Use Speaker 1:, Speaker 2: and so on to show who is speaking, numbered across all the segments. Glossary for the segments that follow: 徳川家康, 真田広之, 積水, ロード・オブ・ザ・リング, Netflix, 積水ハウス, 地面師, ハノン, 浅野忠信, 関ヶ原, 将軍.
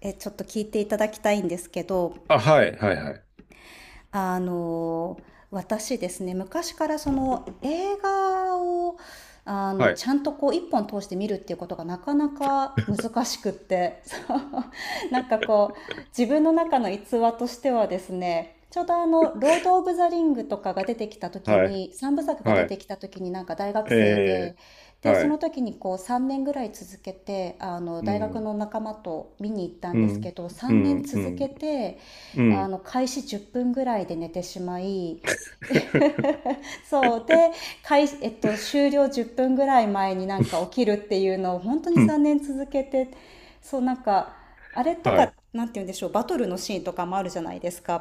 Speaker 1: ちょっと聞いていただきたいんですけど、
Speaker 2: あ、はい、はい、はい、
Speaker 1: あの私ですね、昔からその映画を
Speaker 2: はい、
Speaker 1: ちゃんとこう一本通して見るっていうことがなかなか難しくって。そう、 なんかこう自分の中の逸話としてはですね、ちょうど「ロード・オブ・ザ・リング」とかが出てきた時
Speaker 2: はい、
Speaker 1: に、三部作が
Speaker 2: は
Speaker 1: 出
Speaker 2: い、
Speaker 1: てきた時に、なんか大学生
Speaker 2: え
Speaker 1: で。
Speaker 2: え、
Speaker 1: でそ
Speaker 2: は
Speaker 1: の
Speaker 2: い、
Speaker 1: 時にこう3年ぐらい続けて
Speaker 2: う
Speaker 1: 大学
Speaker 2: ん、
Speaker 1: の仲間と見に行った
Speaker 2: う
Speaker 1: んです
Speaker 2: ん、
Speaker 1: けど、
Speaker 2: う
Speaker 1: 3
Speaker 2: ん、
Speaker 1: 年
Speaker 2: う
Speaker 1: 続
Speaker 2: ん、
Speaker 1: けて、
Speaker 2: うん、
Speaker 1: 開始10分ぐらいで寝てしまい、 そうで、開始、えっと、終了10分ぐらい前になんか起きるっていうのを本当に
Speaker 2: うん、
Speaker 1: 3年続けて。そうなんか、あれと
Speaker 2: は
Speaker 1: か、
Speaker 2: い、
Speaker 1: なんて言うんでしょう、バトルのシーンとかもあるじゃないですか。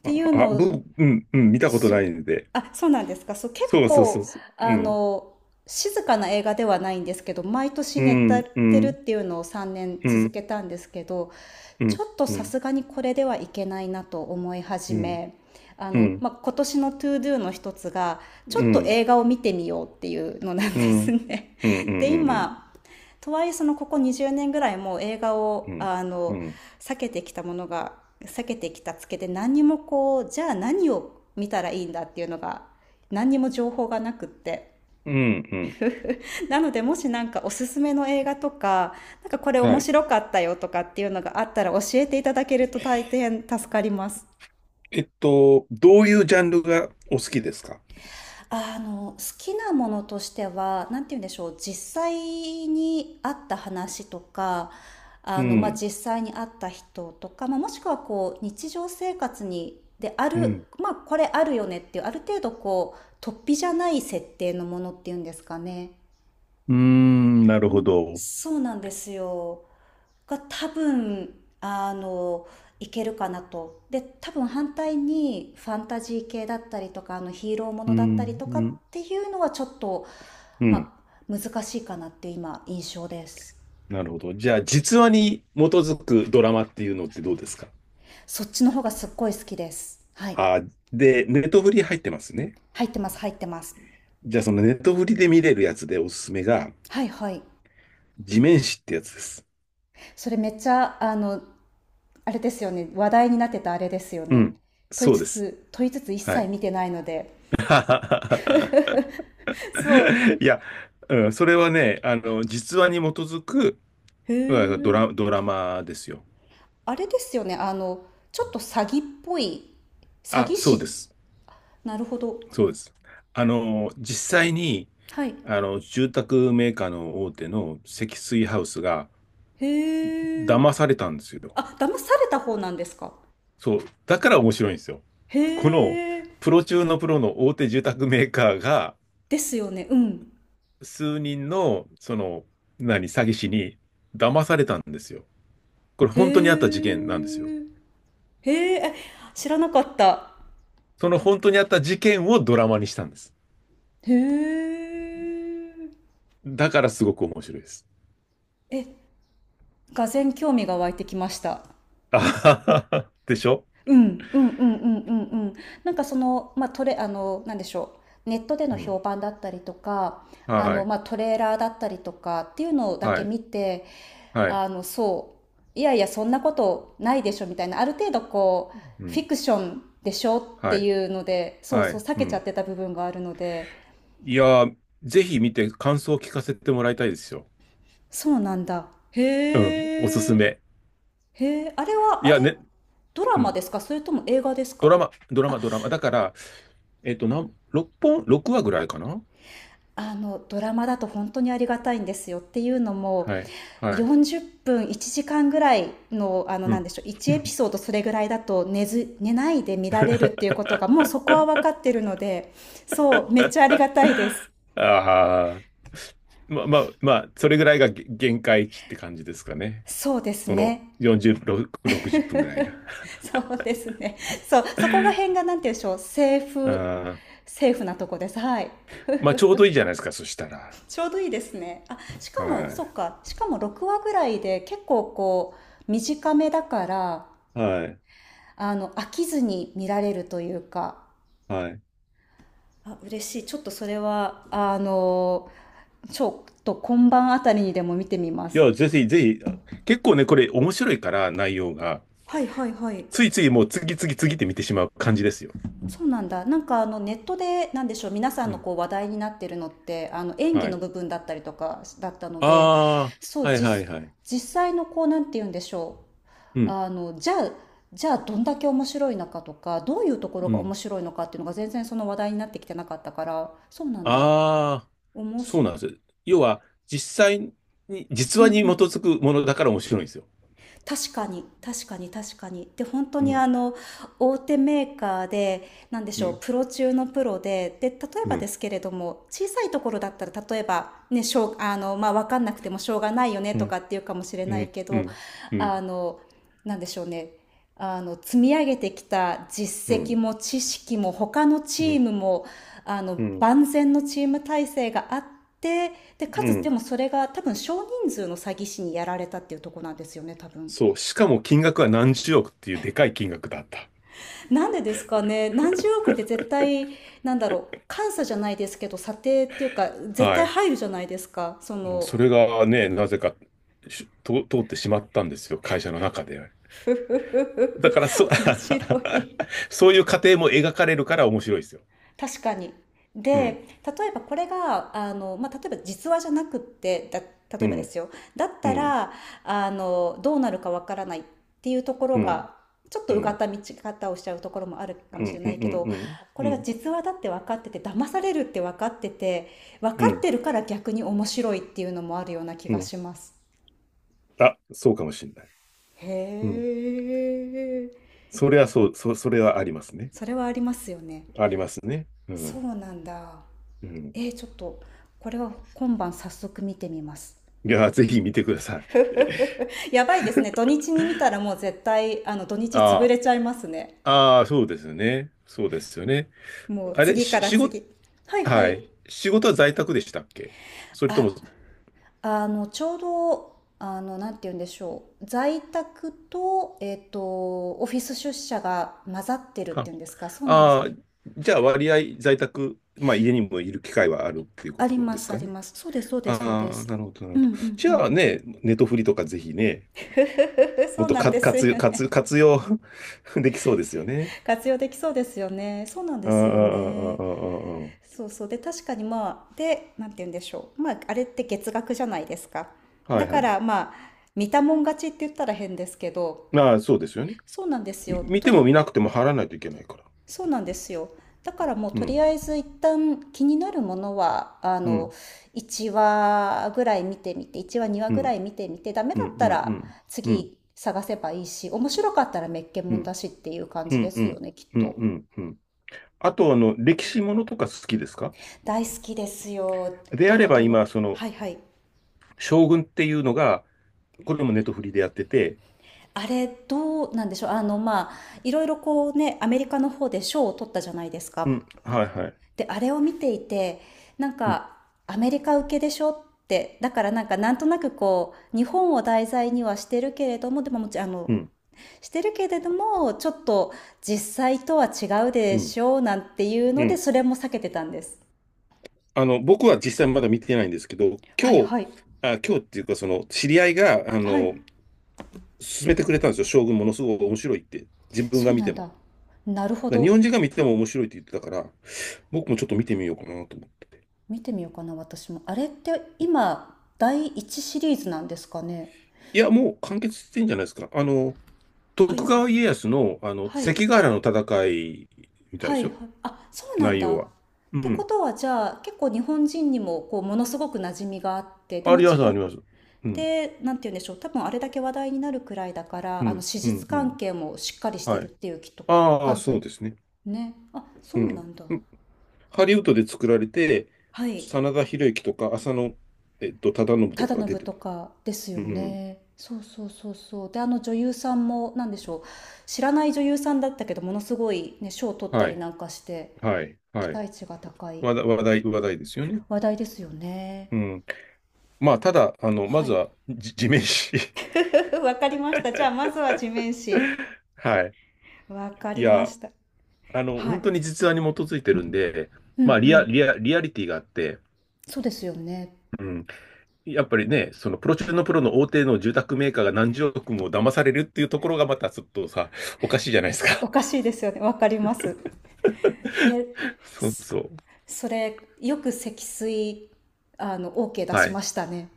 Speaker 1: っ
Speaker 2: あ、
Speaker 1: ていうの
Speaker 2: あ、
Speaker 1: を、
Speaker 2: うん、うん、見たこと
Speaker 1: そ
Speaker 2: ないんで、
Speaker 1: あ、そうなんですか。そう、結
Speaker 2: そうそうそう
Speaker 1: 構、
Speaker 2: そう、う
Speaker 1: あ
Speaker 2: ん、
Speaker 1: の静かな映画ではないんですけど、毎年
Speaker 2: う
Speaker 1: 寝
Speaker 2: ん、う
Speaker 1: てるっ
Speaker 2: ん、
Speaker 1: ていうのを3年
Speaker 2: う
Speaker 1: 続
Speaker 2: ん、
Speaker 1: けたんですけど、
Speaker 2: う
Speaker 1: ちょ
Speaker 2: ん、
Speaker 1: っと
Speaker 2: う
Speaker 1: さ
Speaker 2: ん、
Speaker 1: すがにこれではいけないなと思い始
Speaker 2: うん、
Speaker 1: め、
Speaker 2: うん、うん、
Speaker 1: まあ、今年の To-Doの一つがちょ
Speaker 2: う
Speaker 1: っと
Speaker 2: ん、
Speaker 1: 映画を見てみようっていうのなん
Speaker 2: う
Speaker 1: で
Speaker 2: ん、う
Speaker 1: す
Speaker 2: ん、
Speaker 1: ね。
Speaker 2: う
Speaker 1: で
Speaker 2: ん、
Speaker 1: 今、とはいえそのここ20年ぐらいもう映画
Speaker 2: う
Speaker 1: を
Speaker 2: ん、
Speaker 1: 避けてきたものが、避けてきたつけで、何にもこう、じゃあ何を見たらいいんだっていうのが、何にも情報がなくって。
Speaker 2: うん、うん、
Speaker 1: なのでもしなんかおすすめの映画とか、なんかこれ
Speaker 2: は
Speaker 1: 面
Speaker 2: い。
Speaker 1: 白かったよとかっていうのがあったら教えていただけると大変助かります。
Speaker 2: えっと、どういうジャンルがお好きですか？
Speaker 1: 好きなものとしては、なんて言うんでしょう、実際にあった話とか、
Speaker 2: う
Speaker 1: まあ、
Speaker 2: ん、
Speaker 1: 実際にあった人とか、まあ、もしくはこう、日常生活に、であ
Speaker 2: う
Speaker 1: る、
Speaker 2: ん、
Speaker 1: まあ、これあるよねっていう、ある程度こう、突飛じゃない設定のものっていうんですかね。
Speaker 2: うーん、なる
Speaker 1: う
Speaker 2: ほ
Speaker 1: ん、
Speaker 2: ど。
Speaker 1: そうなんですよ。が多分、あの、いけるかなと。で、多分反対にファンタジー系だったりとか、ヒーローも
Speaker 2: う
Speaker 1: のだったり
Speaker 2: ん、
Speaker 1: とか
Speaker 2: う
Speaker 1: っ
Speaker 2: ん、
Speaker 1: ていうのはちょっと、
Speaker 2: うん、
Speaker 1: まあ、難しいかなっていう今、印象です。
Speaker 2: なるほど。じゃあ、実話に基づくドラマっていうのってどうですか？
Speaker 1: そっちの方がすっごい好きです。はい。
Speaker 2: あー、で、ネットフリ入ってますね。
Speaker 1: 入ってます、入ってます。
Speaker 2: じゃあ、そのネットフリで見れるやつでおすすめが、
Speaker 1: はいはい。
Speaker 2: 地面師ってやつです。
Speaker 1: それめっちゃ、あれですよね。話題になってたあれですよ
Speaker 2: う
Speaker 1: ね。
Speaker 2: ん。
Speaker 1: 問い
Speaker 2: そう
Speaker 1: つ
Speaker 2: です。
Speaker 1: つ、問いつつ一
Speaker 2: は
Speaker 1: 切
Speaker 2: い。
Speaker 1: 見てないので。そう。
Speaker 2: いや、うん、それはね、あの、実話に基づく
Speaker 1: へ
Speaker 2: うん
Speaker 1: ん
Speaker 2: ドラマですよ。
Speaker 1: あれですよね、ちょっと詐欺っぽい、詐
Speaker 2: あ、
Speaker 1: 欺
Speaker 2: そうで
Speaker 1: 師。
Speaker 2: す。
Speaker 1: なるほど。
Speaker 2: そうです。あの、実際に、
Speaker 1: はい。
Speaker 2: あの、住宅メーカーの大手の積水ハウスが
Speaker 1: へえ。
Speaker 2: 騙されたんですよ。
Speaker 1: あ、騙された方なんですか。
Speaker 2: そう、だから面白いんですよ。
Speaker 1: へ
Speaker 2: この
Speaker 1: え。
Speaker 2: プロ中のプロの大手住宅メーカーが
Speaker 1: ですよね。うん。
Speaker 2: 数人のその何詐欺師に騙されたんですよ。これ
Speaker 1: へ
Speaker 2: 本当にあった事件なんですよ。
Speaker 1: え。へえ。え、知らなかった。
Speaker 2: その本当にあった事件をドラマにしたんです。
Speaker 1: へえ。
Speaker 2: だからすごく面白いです。
Speaker 1: え、がぜん興味が湧いてきました。
Speaker 2: あはははでしょ？
Speaker 1: うん、うんうんうんうんうん。なんかその、まあ、トレ、あの、なんでしょう。ネットでの
Speaker 2: う
Speaker 1: 評
Speaker 2: ん。
Speaker 1: 判だったりとか、
Speaker 2: はい。
Speaker 1: まあ、トレーラーだったりとかっていうのだ
Speaker 2: は
Speaker 1: け
Speaker 2: い。
Speaker 1: 見て、
Speaker 2: はい。
Speaker 1: そう、いやいや、そんなことないでしょみたいな、ある程度こう、
Speaker 2: う
Speaker 1: フ
Speaker 2: ん。
Speaker 1: ィクションでしょっ
Speaker 2: は
Speaker 1: て
Speaker 2: い。
Speaker 1: いうので、そう
Speaker 2: は
Speaker 1: そう、
Speaker 2: い。
Speaker 1: 避
Speaker 2: う
Speaker 1: けちゃっ
Speaker 2: ん。
Speaker 1: てた部分があるので、
Speaker 2: いやー、ぜひ見て感想を聞かせてもらいたいですよ。
Speaker 1: そうなんだ。へ
Speaker 2: うん。おすす
Speaker 1: え。
Speaker 2: め。
Speaker 1: へえ、あれは、
Speaker 2: い
Speaker 1: あ
Speaker 2: や
Speaker 1: れ、
Speaker 2: ね、
Speaker 1: ドラ
Speaker 2: う
Speaker 1: マ
Speaker 2: ん。
Speaker 1: ですか、それとも映画です
Speaker 2: ド
Speaker 1: か？
Speaker 2: ラマ、ドラマ、ドラマ。だから、えっと、6本、6話ぐらいかな？
Speaker 1: ドラマだと本当にありがたいんですよっていうのも、
Speaker 2: はい、はい。
Speaker 1: 40分1時間ぐらいの、
Speaker 2: う
Speaker 1: なん
Speaker 2: ん。
Speaker 1: でしょう、1エピソード、それぐらいだと寝ず寝ないで見られるっていうことが、もう そこは分かってるので。そうめっちゃありがたいです。
Speaker 2: ああ、まあまあ、まあ、それぐらいが限界値って感じですかね。
Speaker 1: そうです
Speaker 2: その
Speaker 1: ね。
Speaker 2: 40、6 60分ぐらいが。
Speaker 1: そうですね。そう、そこがなんて言うんでしょう、セー
Speaker 2: あ
Speaker 1: フ
Speaker 2: ー
Speaker 1: セーフなとこです、はい。
Speaker 2: まあ、ちょうどいいじゃないですか、そしたら。
Speaker 1: ちょうどいいですね。あ、し
Speaker 2: は
Speaker 1: かも
Speaker 2: い。
Speaker 1: そっか、しかも6話ぐらいで結構こう短めだから、
Speaker 2: はい。
Speaker 1: 飽きずに見られるというか、
Speaker 2: はい。
Speaker 1: あ嬉しい。ちょっとそれはちょっと今晩あたりにでも見てみま
Speaker 2: い
Speaker 1: す。
Speaker 2: や、ぜひ、ぜひ、結構ね、これ面白いから、内容が。
Speaker 1: はいはいはい、
Speaker 2: ついついもう次、次、次って見てしまう感じですよ。
Speaker 1: そうなんだ。なんかネットでなんでしょう、皆さん
Speaker 2: う
Speaker 1: の
Speaker 2: ん。
Speaker 1: こう話題になってるのって、演技
Speaker 2: は
Speaker 1: の
Speaker 2: い。
Speaker 1: 部分だったりとかだったので、
Speaker 2: あ
Speaker 1: そ
Speaker 2: あ、
Speaker 1: う、
Speaker 2: はいはいはい。
Speaker 1: 実際のこうなんて言うんでしょう。
Speaker 2: うん、
Speaker 1: じゃあ、どんだけ面白いのかとか、どういうところ
Speaker 2: う
Speaker 1: が面
Speaker 2: ん。
Speaker 1: 白いのかっていうのが全然その話題になってきてなかったから、そうなんだ。
Speaker 2: ああ、
Speaker 1: おも
Speaker 2: そう
Speaker 1: し、
Speaker 2: なんです。要は、実際に、実
Speaker 1: うん
Speaker 2: 話
Speaker 1: う
Speaker 2: に基
Speaker 1: ん、
Speaker 2: づくものだから面白いんですよ。
Speaker 1: 確かに、確かに、確かに。で本当
Speaker 2: う
Speaker 1: に、
Speaker 2: ん、
Speaker 1: 大手メーカーでなんでし
Speaker 2: う
Speaker 1: ょう、
Speaker 2: ん、
Speaker 1: プロ中のプロで、で例えば
Speaker 2: う
Speaker 1: で
Speaker 2: ん、
Speaker 1: すけれども、小さいところだったら、例えばね、しょうまあ、分かんなくてもしょうがないよね
Speaker 2: う
Speaker 1: と
Speaker 2: ん、
Speaker 1: かっていうかもしれ
Speaker 2: う
Speaker 1: ない
Speaker 2: ん、
Speaker 1: け
Speaker 2: う
Speaker 1: ど、
Speaker 2: ん、うん、う
Speaker 1: あ
Speaker 2: ん、
Speaker 1: のなんでしょうね、積み上げてきた
Speaker 2: う
Speaker 1: 実績
Speaker 2: ん、
Speaker 1: も知識も他のチ
Speaker 2: う
Speaker 1: ームも、
Speaker 2: ん、
Speaker 1: 万全のチーム体制があって、でか
Speaker 2: う
Speaker 1: つ、で
Speaker 2: ん。
Speaker 1: もそれが多分少人数の詐欺師にやられたっていうとこなんですよね、多分。
Speaker 2: そう。しかも金額は何十億っていうでかい金額だった。
Speaker 1: なんでですかね。何十億って絶対、なんだろう、監査じゃないですけど査定っていうか、絶
Speaker 2: は
Speaker 1: 対
Speaker 2: い。
Speaker 1: 入るじゃないですか、
Speaker 2: もうそれがね、なぜか通ってしまったんですよ、会社の中で。
Speaker 1: ふふ
Speaker 2: だ
Speaker 1: ふ
Speaker 2: から
Speaker 1: ふ、面白い。
Speaker 2: そういう過程も描かれるから面白いですよ。
Speaker 1: 確かに。で、
Speaker 2: う
Speaker 1: 例
Speaker 2: ん。
Speaker 1: えばこれが、まあ、例えば実話じゃなくって、
Speaker 2: う
Speaker 1: 例えばで
Speaker 2: ん
Speaker 1: すよ。だっ
Speaker 2: う
Speaker 1: た
Speaker 2: ん、
Speaker 1: ら、どうなるかわからないっていうところ
Speaker 2: うん、
Speaker 1: が、ちょっ
Speaker 2: う
Speaker 1: と
Speaker 2: ん、
Speaker 1: う
Speaker 2: う
Speaker 1: がっ
Speaker 2: ん、
Speaker 1: た見方をしちゃうところもあるか
Speaker 2: う
Speaker 1: もしれ
Speaker 2: ん、う
Speaker 1: ないけど、
Speaker 2: ん、
Speaker 1: こ
Speaker 2: う
Speaker 1: れが
Speaker 2: ん、
Speaker 1: 実話だって分かってて、騙されるって分かってて、分
Speaker 2: う
Speaker 1: かっ
Speaker 2: ん、
Speaker 1: てるから逆に面白いっていうのもあるような気
Speaker 2: う
Speaker 1: が
Speaker 2: ん。
Speaker 1: します。
Speaker 2: あ、そうかもしれない。
Speaker 1: へ
Speaker 2: うん。
Speaker 1: え、
Speaker 2: それはそう、それはありますね。
Speaker 1: それはありますよね。
Speaker 2: ありますね。う
Speaker 1: そ
Speaker 2: ん、
Speaker 1: うなんだ。
Speaker 2: うん。
Speaker 1: ちょっと、これは今晩早速見てみます。
Speaker 2: いや、ぜひ見てください。
Speaker 1: やばいですね。土日に見たらもう絶対、土日潰
Speaker 2: あ
Speaker 1: れちゃいますね。
Speaker 2: あ、あそうですよね。そうですよね。
Speaker 1: もう
Speaker 2: あれ、
Speaker 1: 次から
Speaker 2: 仕事、
Speaker 1: 次。はいは
Speaker 2: は
Speaker 1: い。
Speaker 2: い。仕事は在宅でしたっけ？それと
Speaker 1: あ、
Speaker 2: も、
Speaker 1: ちょうど、なんて言うんでしょう。在宅と、オフィス出社が混ざってるっていうんですか。そうなんです
Speaker 2: ああ
Speaker 1: ね。
Speaker 2: ー、じゃあ割合在宅、まあ家にもいる機会はあるっていうこ
Speaker 1: あり
Speaker 2: と
Speaker 1: ま
Speaker 2: です
Speaker 1: す、あ
Speaker 2: か
Speaker 1: り
Speaker 2: ね。
Speaker 1: ます。そうです、そうです、そう
Speaker 2: あ
Speaker 1: で
Speaker 2: あ、
Speaker 1: す。
Speaker 2: なるほど、な
Speaker 1: う
Speaker 2: る
Speaker 1: ん
Speaker 2: ほ
Speaker 1: う
Speaker 2: ど。
Speaker 1: ん
Speaker 2: じ
Speaker 1: う
Speaker 2: ゃ
Speaker 1: ん。
Speaker 2: あね、ネトフリとかぜひね、も
Speaker 1: そ
Speaker 2: っ
Speaker 1: う
Speaker 2: と
Speaker 1: なん
Speaker 2: か
Speaker 1: ですよ
Speaker 2: 活用、活、
Speaker 1: ね。
Speaker 2: 活用 できそうですよね。
Speaker 1: 活用できそうですよね。そうなんで
Speaker 2: ああ、あ
Speaker 1: すよ
Speaker 2: あ、
Speaker 1: ね。
Speaker 2: ああ、あ
Speaker 1: そうそう、で確かに、まあ、でなんて言うんでしょう、まああれって月額じゃないですか。
Speaker 2: あ、は
Speaker 1: だ
Speaker 2: い
Speaker 1: か
Speaker 2: はい。
Speaker 1: らまあ見たもん勝ちって言ったら変ですけど、
Speaker 2: まあ、そうですよね。
Speaker 1: そうなんですよ。
Speaker 2: 見ても見なくても貼らないといけないから。
Speaker 1: そうなんですよ、だからもう
Speaker 2: う
Speaker 1: とり
Speaker 2: ん、
Speaker 1: あえず一旦気になるものは、
Speaker 2: うん、
Speaker 1: 1話ぐらい見てみて、1話2話
Speaker 2: う
Speaker 1: ぐら
Speaker 2: ん、
Speaker 1: い見てみてダメ
Speaker 2: う
Speaker 1: だ
Speaker 2: ん、
Speaker 1: っ
Speaker 2: う
Speaker 1: た
Speaker 2: ん、う
Speaker 1: ら
Speaker 2: ん、うん、
Speaker 1: 次探せばいいし、面白かったらめっけ
Speaker 2: う
Speaker 1: もんだ
Speaker 2: ん、
Speaker 1: しっていう感
Speaker 2: う
Speaker 1: じで
Speaker 2: ん、う
Speaker 1: すよ
Speaker 2: ん、
Speaker 1: ね、きっ
Speaker 2: う
Speaker 1: と。
Speaker 2: ん、うん。あと、あの、歴史ものとか好きですか？
Speaker 1: 大好きですよ、
Speaker 2: で
Speaker 1: ド
Speaker 2: あれ
Speaker 1: ロ
Speaker 2: ば
Speaker 1: ドロ。
Speaker 2: 今、その、
Speaker 1: はいはい。
Speaker 2: 将軍っていうのが、これもネットフリでやってて、
Speaker 1: あれどうなんでしょう、まあ、いろいろこうね、アメリカの方で賞を取ったじゃないです
Speaker 2: う
Speaker 1: か。
Speaker 2: ん、はいはい。
Speaker 1: であれを見ていて、なん
Speaker 2: うん、
Speaker 1: かアメリカ受けでしょって、だからなんかなんとなくこう日本を題材にはしてるけれども、でももちろん
Speaker 2: うん、
Speaker 1: してるけれども、ちょっと実際とは違う
Speaker 2: う
Speaker 1: で
Speaker 2: ん、
Speaker 1: しょうなんていう
Speaker 2: う
Speaker 1: ので、
Speaker 2: ん。
Speaker 1: それも避けてたんです。
Speaker 2: あの、僕は実際まだ見てないんですけど、
Speaker 1: は
Speaker 2: 今
Speaker 1: い
Speaker 2: 日、
Speaker 1: はい
Speaker 2: あ、今日っていうか、その、知り合いが、あ
Speaker 1: はい、
Speaker 2: の、勧めてくれたんですよ。将軍ものすごく面白いって。自分
Speaker 1: そ
Speaker 2: が
Speaker 1: う
Speaker 2: 見
Speaker 1: な
Speaker 2: て
Speaker 1: ん
Speaker 2: も。
Speaker 1: だ。なるほ
Speaker 2: だから日
Speaker 1: ど、
Speaker 2: 本人が見ても面白いって言ってたから、僕もちょっと見てみようかなと思って。
Speaker 1: 見てみようかな。私もあれって今第1シリーズなんですかね？
Speaker 2: いや、もう完結してんじゃないですか。あの、
Speaker 1: は
Speaker 2: 徳
Speaker 1: いはい。
Speaker 2: 川家康の、あの、
Speaker 1: はい。
Speaker 2: 関ヶ原の戦いみたい
Speaker 1: は
Speaker 2: で
Speaker 1: い
Speaker 2: す
Speaker 1: はい。
Speaker 2: よ。
Speaker 1: あ、そうなん
Speaker 2: 内
Speaker 1: だ。
Speaker 2: 容
Speaker 1: っ
Speaker 2: は。う
Speaker 1: てこ
Speaker 2: ん。
Speaker 1: とは、じゃあ、結構日本人にも、こう、ものすごく馴染みがあって、で、
Speaker 2: あ
Speaker 1: も
Speaker 2: りま
Speaker 1: ち
Speaker 2: す、
Speaker 1: ろ
Speaker 2: あり
Speaker 1: ん、
Speaker 2: ます。うん、
Speaker 1: なんて言うんでしょう。多分、あれだけ話題になるくらいだか
Speaker 2: う
Speaker 1: ら、
Speaker 2: ん、
Speaker 1: 史
Speaker 2: うん、
Speaker 1: 実
Speaker 2: う
Speaker 1: 関
Speaker 2: ん。
Speaker 1: 係もしっかりして
Speaker 2: は
Speaker 1: るっ
Speaker 2: い。
Speaker 1: ていう、きっと、
Speaker 2: ああ、
Speaker 1: 感じ
Speaker 2: そ
Speaker 1: だ
Speaker 2: うですね。
Speaker 1: ね。あ、
Speaker 2: う
Speaker 1: そうな
Speaker 2: ん。
Speaker 1: んだ。
Speaker 2: ハリウッドで作られて、
Speaker 1: はい。
Speaker 2: 真田広之とか、浅野、えっと、忠信と
Speaker 1: 忠
Speaker 2: かが出
Speaker 1: 信
Speaker 2: てる。
Speaker 1: とかですよ
Speaker 2: うん。
Speaker 1: ね。そうそうそうそう。で、あの女優さんも、なんでしょう。知らない女優さんだったけど、ものすごいね、賞を取った
Speaker 2: は
Speaker 1: り
Speaker 2: い。
Speaker 1: なんかして、
Speaker 2: はい。
Speaker 1: 期
Speaker 2: はい。
Speaker 1: 待値が高い。
Speaker 2: 話題、話題、話題ですよね。
Speaker 1: 話題ですよね。
Speaker 2: うん。まあ、ただ、あの、ま
Speaker 1: は
Speaker 2: ず
Speaker 1: い。
Speaker 2: は、地面師。
Speaker 1: わかりました。じゃあ、まずは地面師。
Speaker 2: はい。
Speaker 1: わか
Speaker 2: い
Speaker 1: りま
Speaker 2: や、
Speaker 1: した。
Speaker 2: あの、
Speaker 1: はい。
Speaker 2: 本当に実話に基づいてるんで、
Speaker 1: う
Speaker 2: ま
Speaker 1: ん
Speaker 2: あ、
Speaker 1: うん。
Speaker 2: リアリティがあって、
Speaker 1: そうですよね。
Speaker 2: うん。やっぱりね、そのプロ中のプロの大手の住宅メーカーが何十億も騙されるっていうところがまたちょっとさ、おかしいじゃないです
Speaker 1: お
Speaker 2: か。
Speaker 1: かしいですよね。わかります。え、
Speaker 2: そう
Speaker 1: そ
Speaker 2: そう。
Speaker 1: それ、よく積水、OK 出
Speaker 2: は
Speaker 1: し
Speaker 2: い。
Speaker 1: ましたね。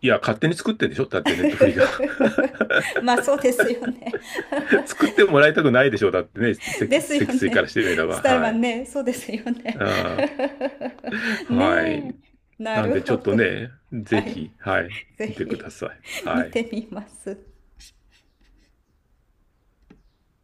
Speaker 2: いや、勝手に作ってんでしょ？だってネットフリが
Speaker 1: まあ、そうですよね。
Speaker 2: 作ってもらいたくないでしょ？だってね、
Speaker 1: ですよ
Speaker 2: 積水から
Speaker 1: ね。
Speaker 2: してみれ
Speaker 1: ス
Speaker 2: ば。
Speaker 1: タル
Speaker 2: は
Speaker 1: マン
Speaker 2: い。
Speaker 1: ね、そうですよね。
Speaker 2: あー は
Speaker 1: ね
Speaker 2: い。
Speaker 1: え。な
Speaker 2: なん
Speaker 1: る
Speaker 2: でちょ
Speaker 1: ほ
Speaker 2: っと
Speaker 1: ど。
Speaker 2: ね、
Speaker 1: は
Speaker 2: ぜ
Speaker 1: い。
Speaker 2: ひ、はい、
Speaker 1: ぜ
Speaker 2: 見てくだ
Speaker 1: ひ、
Speaker 2: さい。は
Speaker 1: 見
Speaker 2: い。
Speaker 1: てみます。